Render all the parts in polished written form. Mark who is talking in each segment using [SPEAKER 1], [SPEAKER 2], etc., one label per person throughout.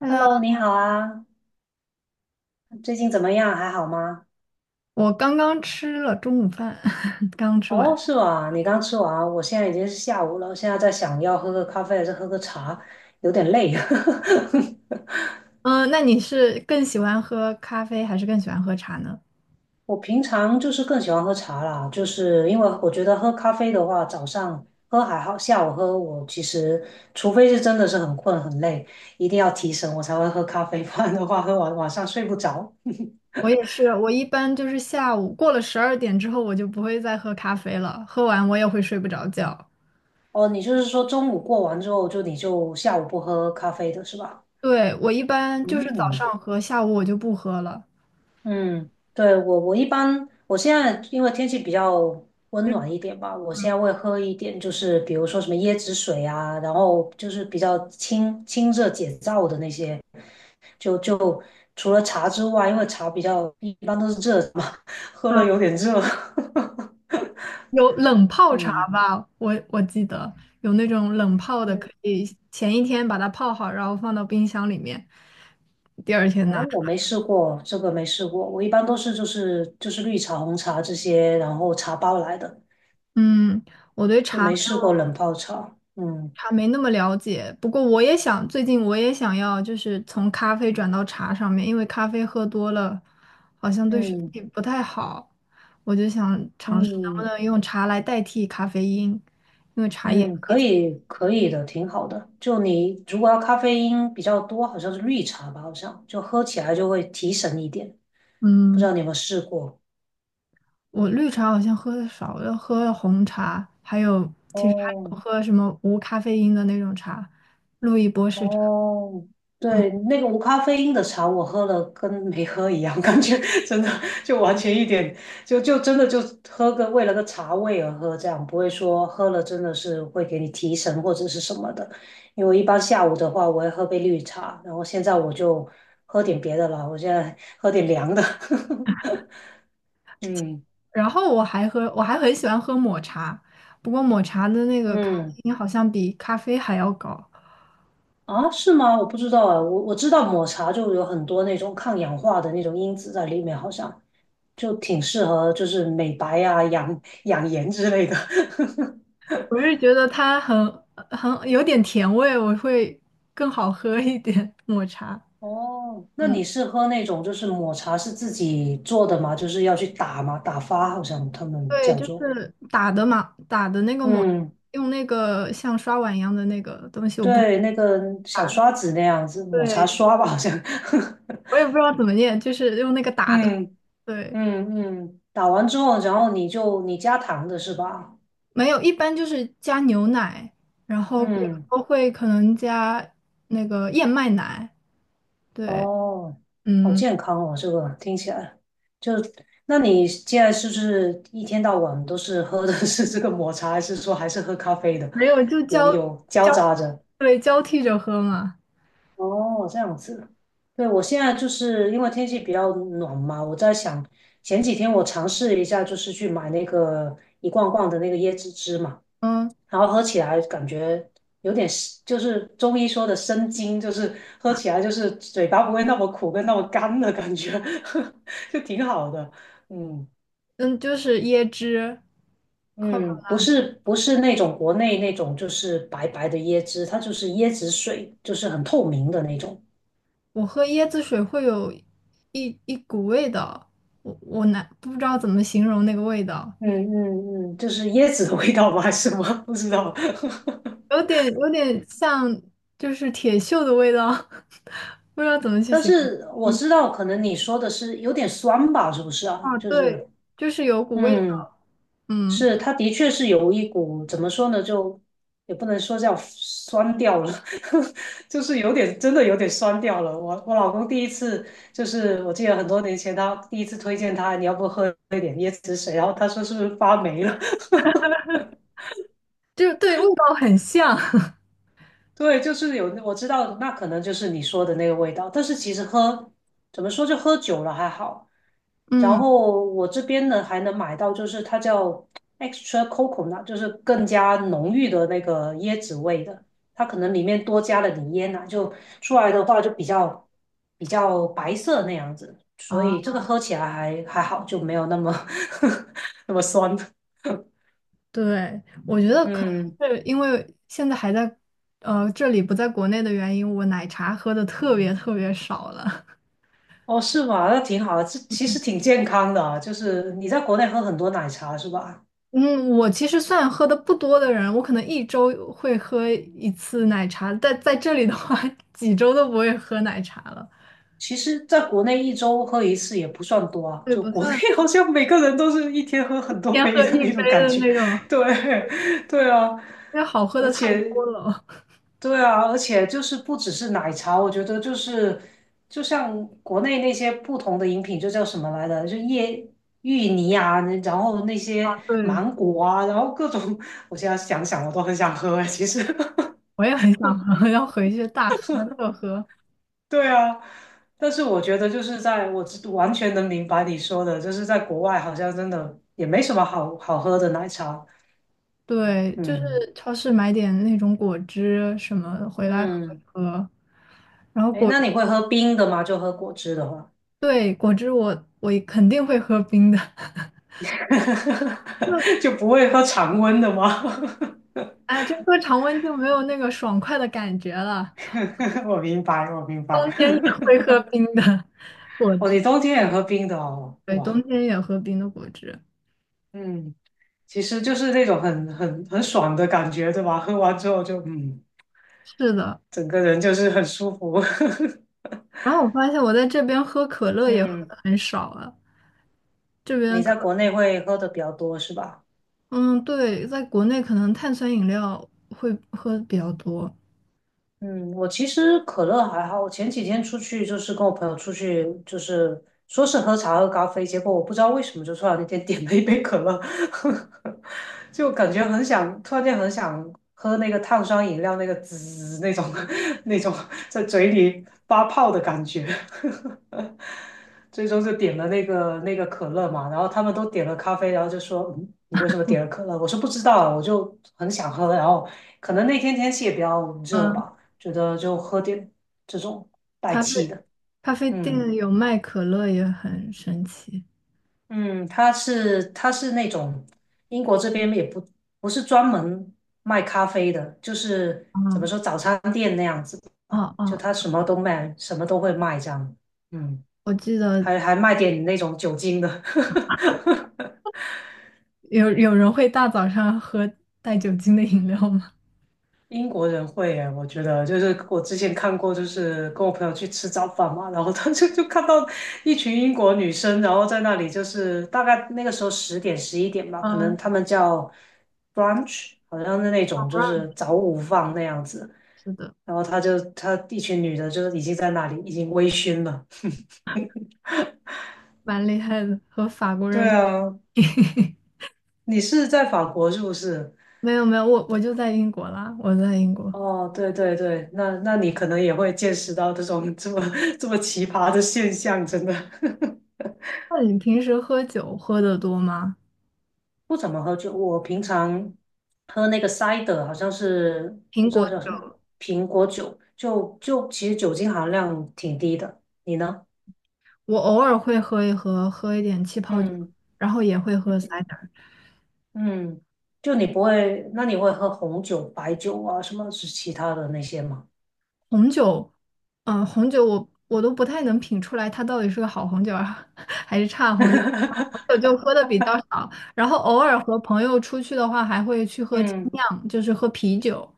[SPEAKER 1] Hello，
[SPEAKER 2] Hello，你好啊，最近怎么样？还好吗？
[SPEAKER 1] 我刚刚吃了中午饭，刚吃完。
[SPEAKER 2] 哦，是吧？你刚吃完，我现在已经是下午了，现在在想要喝个咖啡还是喝个茶，有点累。
[SPEAKER 1] 嗯，那你是更喜欢喝咖啡还是更喜欢喝茶呢？
[SPEAKER 2] 我平常就是更喜欢喝茶啦，就是因为我觉得喝咖啡的话，早上喝还好，下午喝我其实除非是真的是很困很累，一定要提神我才会喝咖啡，不然的话喝完晚上睡不着。
[SPEAKER 1] 我也是，我一般就是下午过了12点之后，我就不会再喝咖啡了，喝完我也会睡不着觉。
[SPEAKER 2] 哦，你就是说中午过完之后就你就下午不喝咖啡的是吧？
[SPEAKER 1] 对，我一般就是早
[SPEAKER 2] 嗯。
[SPEAKER 1] 上喝，下午我就不喝了。
[SPEAKER 2] 嗯，对，我一般，我现在因为天气比较温暖一点吧，我现在会喝一点，就是比如说什么椰子水啊，然后就是比较清清热解燥的那些，就除了茶之外，因为茶比较一般都是热的嘛，喝了
[SPEAKER 1] 嗯，
[SPEAKER 2] 有点热。
[SPEAKER 1] 有冷泡茶
[SPEAKER 2] 嗯
[SPEAKER 1] 吧，我记得有那种冷泡的，
[SPEAKER 2] 嗯，
[SPEAKER 1] 可以前一天把它泡好，然后放到冰箱里面，第二天
[SPEAKER 2] 哦，
[SPEAKER 1] 拿出。
[SPEAKER 2] 我没试过，这个没试过，我一般都是就是绿茶、红茶这些，然后茶包来的，
[SPEAKER 1] 嗯，我对
[SPEAKER 2] 就
[SPEAKER 1] 茶。
[SPEAKER 2] 没试过冷泡茶。嗯
[SPEAKER 1] 茶没那么了解，不过我也想，最近我也想要，就是从咖啡转到茶上面，因为咖啡喝多了，好像对身
[SPEAKER 2] 嗯，
[SPEAKER 1] 体不太好，我就想尝试能不
[SPEAKER 2] 嗯
[SPEAKER 1] 能用茶来代替咖啡因，因为茶叶。
[SPEAKER 2] 嗯，可以可以的，挺好的。就你如果要咖啡因比较多，好像是绿茶吧，好像就喝起来就会提神一点。不知
[SPEAKER 1] 嗯，
[SPEAKER 2] 道你有没有试过？
[SPEAKER 1] 我绿茶好像喝的少了，喝了红茶，还有其实还
[SPEAKER 2] 哦，
[SPEAKER 1] 有喝什么无咖啡因的那种茶，路易波士茶。
[SPEAKER 2] 哦，
[SPEAKER 1] 嗯。
[SPEAKER 2] 对，那个无咖啡因的茶我喝了跟没喝一样，感觉 真的就完全一点，就真的就喝个为了个茶味而喝，这样不会说喝了真的是会给你提神或者是什么的。因为我一般下午的话，我会喝杯绿茶，然后现在我就喝点别的了，我现在喝点凉的。嗯
[SPEAKER 1] 然后我还喝，我还很喜欢喝抹茶，不过抹茶的那个咖啡
[SPEAKER 2] 嗯，
[SPEAKER 1] 因好像比咖啡还要高。
[SPEAKER 2] 啊，是吗？我不知道啊，我知道抹茶就有很多那种抗氧化的那种因子在里面，好像就挺适合就是美白啊、养养颜之类的。
[SPEAKER 1] 我是觉得它很很有点甜味，我会更好喝一点抹茶。
[SPEAKER 2] 哦，那
[SPEAKER 1] 嗯，
[SPEAKER 2] 你是喝那种就是抹茶是自己做的吗？就是要去打吗？打发好像他们
[SPEAKER 1] 对，
[SPEAKER 2] 叫
[SPEAKER 1] 就
[SPEAKER 2] 做，
[SPEAKER 1] 是打的嘛，打的那个抹，
[SPEAKER 2] 嗯，
[SPEAKER 1] 用那个像刷碗一样的那个东西，我不，
[SPEAKER 2] 对，那个小刷子那样子，抹茶
[SPEAKER 1] 对，
[SPEAKER 2] 刷吧，好像。
[SPEAKER 1] 我也不知道怎么念，就是用那个打的。
[SPEAKER 2] 嗯
[SPEAKER 1] 对，
[SPEAKER 2] 嗯嗯，打完之后，然后你加糖的是吧？
[SPEAKER 1] 没有，一般就是加牛奶，然后有时
[SPEAKER 2] 嗯。
[SPEAKER 1] 候会可能加那个燕麦奶。对，
[SPEAKER 2] 哦，好
[SPEAKER 1] 嗯，
[SPEAKER 2] 健康哦，这个听起来就，那你现在是不是一天到晚都是喝的是这个抹茶，还是说还是喝咖啡的？
[SPEAKER 1] 没有，就
[SPEAKER 2] 有
[SPEAKER 1] 交
[SPEAKER 2] 有交
[SPEAKER 1] 交，
[SPEAKER 2] 杂着。
[SPEAKER 1] 对，交替着喝嘛。
[SPEAKER 2] 哦，这样子。对，我现在就是因为天气比较暖嘛，我在想前几天我尝试了一下，就是去买那个一罐罐的那个椰子汁嘛，
[SPEAKER 1] 嗯
[SPEAKER 2] 然后喝起来感觉有点是，就是中医说的生津，就是喝起来就是嘴巴不会那么苦跟那么干的感觉，就挺好的。嗯
[SPEAKER 1] 嗯，就是椰汁，Coco。
[SPEAKER 2] 嗯，不是不是那种国内那种就是白白的椰汁，它就是椰子水，就是很透明的那种。
[SPEAKER 1] 我喝椰子水会有一股味道，我难不知道怎么形容那个味道，
[SPEAKER 2] 嗯嗯嗯，就是椰子的味道吗？还是什么？不知道。
[SPEAKER 1] 有 点有点像就是铁锈的味道，不知道怎么去
[SPEAKER 2] 但
[SPEAKER 1] 形容。
[SPEAKER 2] 是我
[SPEAKER 1] 嗯，
[SPEAKER 2] 知道，可能你说的是有点酸吧？是不是啊？
[SPEAKER 1] 啊，
[SPEAKER 2] 就
[SPEAKER 1] 对，
[SPEAKER 2] 是，
[SPEAKER 1] 就是有股味
[SPEAKER 2] 嗯。
[SPEAKER 1] 道。嗯，
[SPEAKER 2] 是，它的确是有一股怎么说呢，就也不能说叫酸掉了，就是有点真的有点酸掉了。我我老公第一次就是我记得很多年前他第一次推荐他，你要不喝一点椰子水，然后他说是不是发霉了？
[SPEAKER 1] 就对味道很像。
[SPEAKER 2] 对，就是有我知道那可能就是你说的那个味道，但是其实喝怎么说就喝酒了还好，然
[SPEAKER 1] 嗯。
[SPEAKER 2] 后我这边呢还能买到，就是它叫 extra coconut，就是更加浓郁的那个椰子味的。它可能里面多加了点椰奶，就出来的话就比较白色那样子，所
[SPEAKER 1] 啊。
[SPEAKER 2] 以这个喝起来还还好，就没有那么 那么酸。
[SPEAKER 1] 对，我觉得可
[SPEAKER 2] 嗯，
[SPEAKER 1] 能是因为现在还在这里不在国内的原因，我奶茶喝的特别特别少了。
[SPEAKER 2] 哦，是吗？那挺好的，这其实挺健康的啊，就是你在国内喝很多奶茶是吧？
[SPEAKER 1] 嗯，我其实算喝的不多的人，我可能一周会喝一次奶茶，但在这里的话，几周都不会喝奶茶了。
[SPEAKER 2] 其实，在国内一周喝一次也不算多啊，
[SPEAKER 1] 对，
[SPEAKER 2] 就
[SPEAKER 1] 不
[SPEAKER 2] 国内
[SPEAKER 1] 算
[SPEAKER 2] 好像每个人都是一天喝很多
[SPEAKER 1] 天
[SPEAKER 2] 杯
[SPEAKER 1] 喝
[SPEAKER 2] 的
[SPEAKER 1] 一
[SPEAKER 2] 那
[SPEAKER 1] 杯
[SPEAKER 2] 种感
[SPEAKER 1] 的
[SPEAKER 2] 觉。
[SPEAKER 1] 那 种，
[SPEAKER 2] 对，对啊，
[SPEAKER 1] 因为好喝
[SPEAKER 2] 而
[SPEAKER 1] 的太
[SPEAKER 2] 且，
[SPEAKER 1] 多了。
[SPEAKER 2] 对啊，而且就是不只是奶茶，我觉得就是就像国内那些不同的饮品，就叫什么来的，就椰芋泥啊，然后那些
[SPEAKER 1] 对，
[SPEAKER 2] 芒果啊，然后各种，我现在想想我都很想喝哎，其实。
[SPEAKER 1] 我也很想喝，要回去大喝特喝。
[SPEAKER 2] 对啊，但是我觉得就是在我知完全能明白你说的，就是在国外好像真的也没什么好好喝的奶茶。
[SPEAKER 1] 对，就是
[SPEAKER 2] 嗯
[SPEAKER 1] 超市买点那种果汁什么回来喝一
[SPEAKER 2] 嗯，
[SPEAKER 1] 喝，然后
[SPEAKER 2] 哎，
[SPEAKER 1] 果，
[SPEAKER 2] 那你会喝冰的吗？就喝果汁的话，
[SPEAKER 1] 对，果汁我肯定会喝冰的，就
[SPEAKER 2] 就不会喝常温的吗？
[SPEAKER 1] 哎，这喝常温就没有那个爽快的感觉了。
[SPEAKER 2] 我明白，我明白。
[SPEAKER 1] 冬天也 会喝冰的 果
[SPEAKER 2] 哦，你
[SPEAKER 1] 汁，
[SPEAKER 2] 冬天也喝冰的哦，
[SPEAKER 1] 对，冬
[SPEAKER 2] 哇，
[SPEAKER 1] 天也喝冰的果汁，
[SPEAKER 2] 嗯，其实就是那种很爽的感觉，对吧？喝完之后就嗯，
[SPEAKER 1] 是的。
[SPEAKER 2] 整个人就是很舒服。
[SPEAKER 1] 然后我发现我在这边喝可 乐也喝
[SPEAKER 2] 嗯。
[SPEAKER 1] 的很少了，这
[SPEAKER 2] 你
[SPEAKER 1] 边
[SPEAKER 2] 在
[SPEAKER 1] 可，
[SPEAKER 2] 国内会喝的比较多是吧？
[SPEAKER 1] 嗯，对，在国内可能碳酸饮料会喝得比较多。
[SPEAKER 2] 嗯，我其实可乐还好，我前几天出去就是跟我朋友出去，就是说是喝茶喝咖啡，结果我不知道为什么就突然间点了一杯可乐，就感觉很想，突然间很想喝那个碳酸饮料那个滋那种 那种在嘴里发泡的感觉。最终就点了那个可乐嘛，然后他们都点了咖啡，然后就说，嗯，你为什么点了可乐？我说不知道，我就很想喝，然后可能那天天气也比较热
[SPEAKER 1] 嗯。
[SPEAKER 2] 吧，觉得就喝点这种带
[SPEAKER 1] 咖啡
[SPEAKER 2] 气的，
[SPEAKER 1] 咖啡
[SPEAKER 2] 嗯
[SPEAKER 1] 店有卖可乐也很神奇
[SPEAKER 2] 嗯，它是那种英国这边也不是专门卖咖啡的，就是怎么说
[SPEAKER 1] 啊。
[SPEAKER 2] 早餐店那样子吧，
[SPEAKER 1] 哦
[SPEAKER 2] 就
[SPEAKER 1] 哦，
[SPEAKER 2] 它什么都卖，什么都会卖这样，嗯，
[SPEAKER 1] 我记得
[SPEAKER 2] 还还卖点那种酒精的。
[SPEAKER 1] 有人会大早上喝带酒精的饮料吗？
[SPEAKER 2] 英国人会耶，我觉得就是我之前看过，就是跟我朋友去吃早饭嘛，然后他就 就看到一群英国女生，然后在那里就是大概那个时候十点十一 点吧，可能
[SPEAKER 1] 嗯，
[SPEAKER 2] 他们叫 brunch，好像是那种就是早午饭那样子，
[SPEAKER 1] 是的。
[SPEAKER 2] 然后他就他一群女的，就是已经在那里已经微醺了。
[SPEAKER 1] 蛮厉害的，和法国
[SPEAKER 2] 对
[SPEAKER 1] 人。
[SPEAKER 2] 啊，你是在法国是不是？
[SPEAKER 1] 没有没有，我就在英国啦，我在英国。
[SPEAKER 2] 哦，对对对，那那你可能也会见识到这种这么 这么奇葩的现象，真的。
[SPEAKER 1] 那你平时喝酒喝的多吗？
[SPEAKER 2] 不怎么喝酒，我平常喝那个 cider 好像是
[SPEAKER 1] 苹
[SPEAKER 2] 不知
[SPEAKER 1] 果
[SPEAKER 2] 道叫什么
[SPEAKER 1] 酒，
[SPEAKER 2] 苹果酒，就就其实酒精含量挺低的。你呢？
[SPEAKER 1] 我偶尔会喝一喝，喝一点气泡酒，
[SPEAKER 2] 嗯
[SPEAKER 1] 然后也会喝 cider。
[SPEAKER 2] 嗯，就你不会，那你会喝红酒、白酒啊，什么是其他的那些吗？
[SPEAKER 1] 红酒，红酒我都不太能品出来它到底是个好红酒啊，还是差红酒。红酒 就喝的比较少，然后偶尔和朋友出去的话，还会去喝精
[SPEAKER 2] 嗯
[SPEAKER 1] 酿，就是喝啤酒。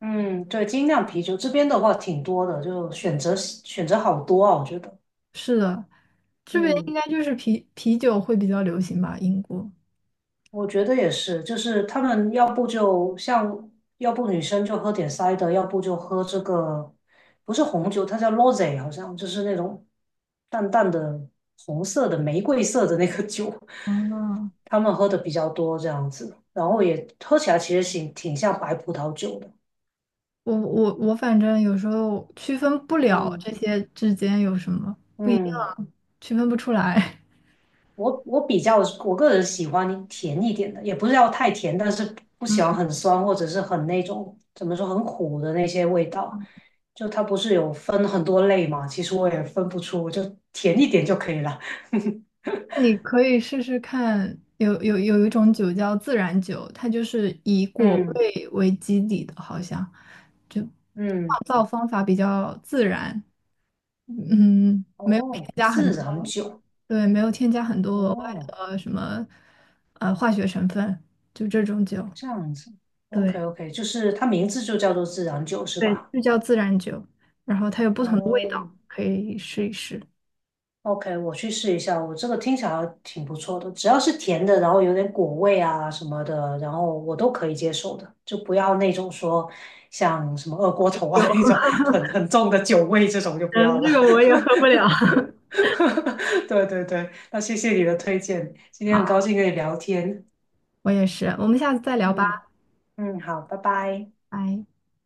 [SPEAKER 2] 嗯，对，精酿啤酒这边的话挺多的，就选择选择好多啊，我觉得。
[SPEAKER 1] 是的，这边应
[SPEAKER 2] 嗯。
[SPEAKER 1] 该就是啤酒会比较流行吧，英国。
[SPEAKER 2] 我觉得也是，就是他们要不就像，要不女生就喝点 CI 要不就喝这个，不是红酒，它叫 rosé 好像就是那种淡淡的红色的玫瑰色的那个酒，
[SPEAKER 1] 哦，
[SPEAKER 2] 他们喝的比较多这样子，然后也喝起来其实挺挺像白葡萄酒的，
[SPEAKER 1] 我反正有时候区分不了
[SPEAKER 2] 嗯
[SPEAKER 1] 这些之间有什么不一
[SPEAKER 2] 嗯。
[SPEAKER 1] 样，区分不出来。
[SPEAKER 2] 我我比较我个人喜欢甜一点的，也不是要太甜，但是不喜欢很酸或者是很那种怎么说很苦的那些味道。就它不是有分很多类嘛，其实我也分不出，我就甜一点就可以了。
[SPEAKER 1] 那你可以试试看，有一种酒叫自然酒，它就是以果
[SPEAKER 2] 嗯
[SPEAKER 1] 味为基底的，好像就酿
[SPEAKER 2] 嗯，
[SPEAKER 1] 造方法比较自然，嗯，没有添
[SPEAKER 2] 哦，
[SPEAKER 1] 加很
[SPEAKER 2] 自然
[SPEAKER 1] 多，
[SPEAKER 2] 酒，
[SPEAKER 1] 对，没有添加很多额外
[SPEAKER 2] 哦，
[SPEAKER 1] 的什么化学成分，就这种酒，
[SPEAKER 2] 这样子，OK
[SPEAKER 1] 对
[SPEAKER 2] OK，就是它名字就叫做自然酒是
[SPEAKER 1] 对，
[SPEAKER 2] 吧？
[SPEAKER 1] 就叫自然酒，然后它有不同的味，
[SPEAKER 2] 哦，
[SPEAKER 1] 可以试一试。
[SPEAKER 2] OK，我去试一下，我这个听起来还挺不错的，只要是甜的，然后有点果味啊什么的，然后我都可以接受的，就不要那种说像什么二锅头啊
[SPEAKER 1] 有，
[SPEAKER 2] 那种很重的酒味这种就不
[SPEAKER 1] 嗯，
[SPEAKER 2] 要
[SPEAKER 1] 这
[SPEAKER 2] 了。
[SPEAKER 1] 个我也喝不了。
[SPEAKER 2] 对对对，那谢谢你的推荐，今天很
[SPEAKER 1] 好，
[SPEAKER 2] 高兴跟你聊天。
[SPEAKER 1] 我也是，我们下次再聊吧，
[SPEAKER 2] 嗯嗯，好，拜拜。
[SPEAKER 1] 拜。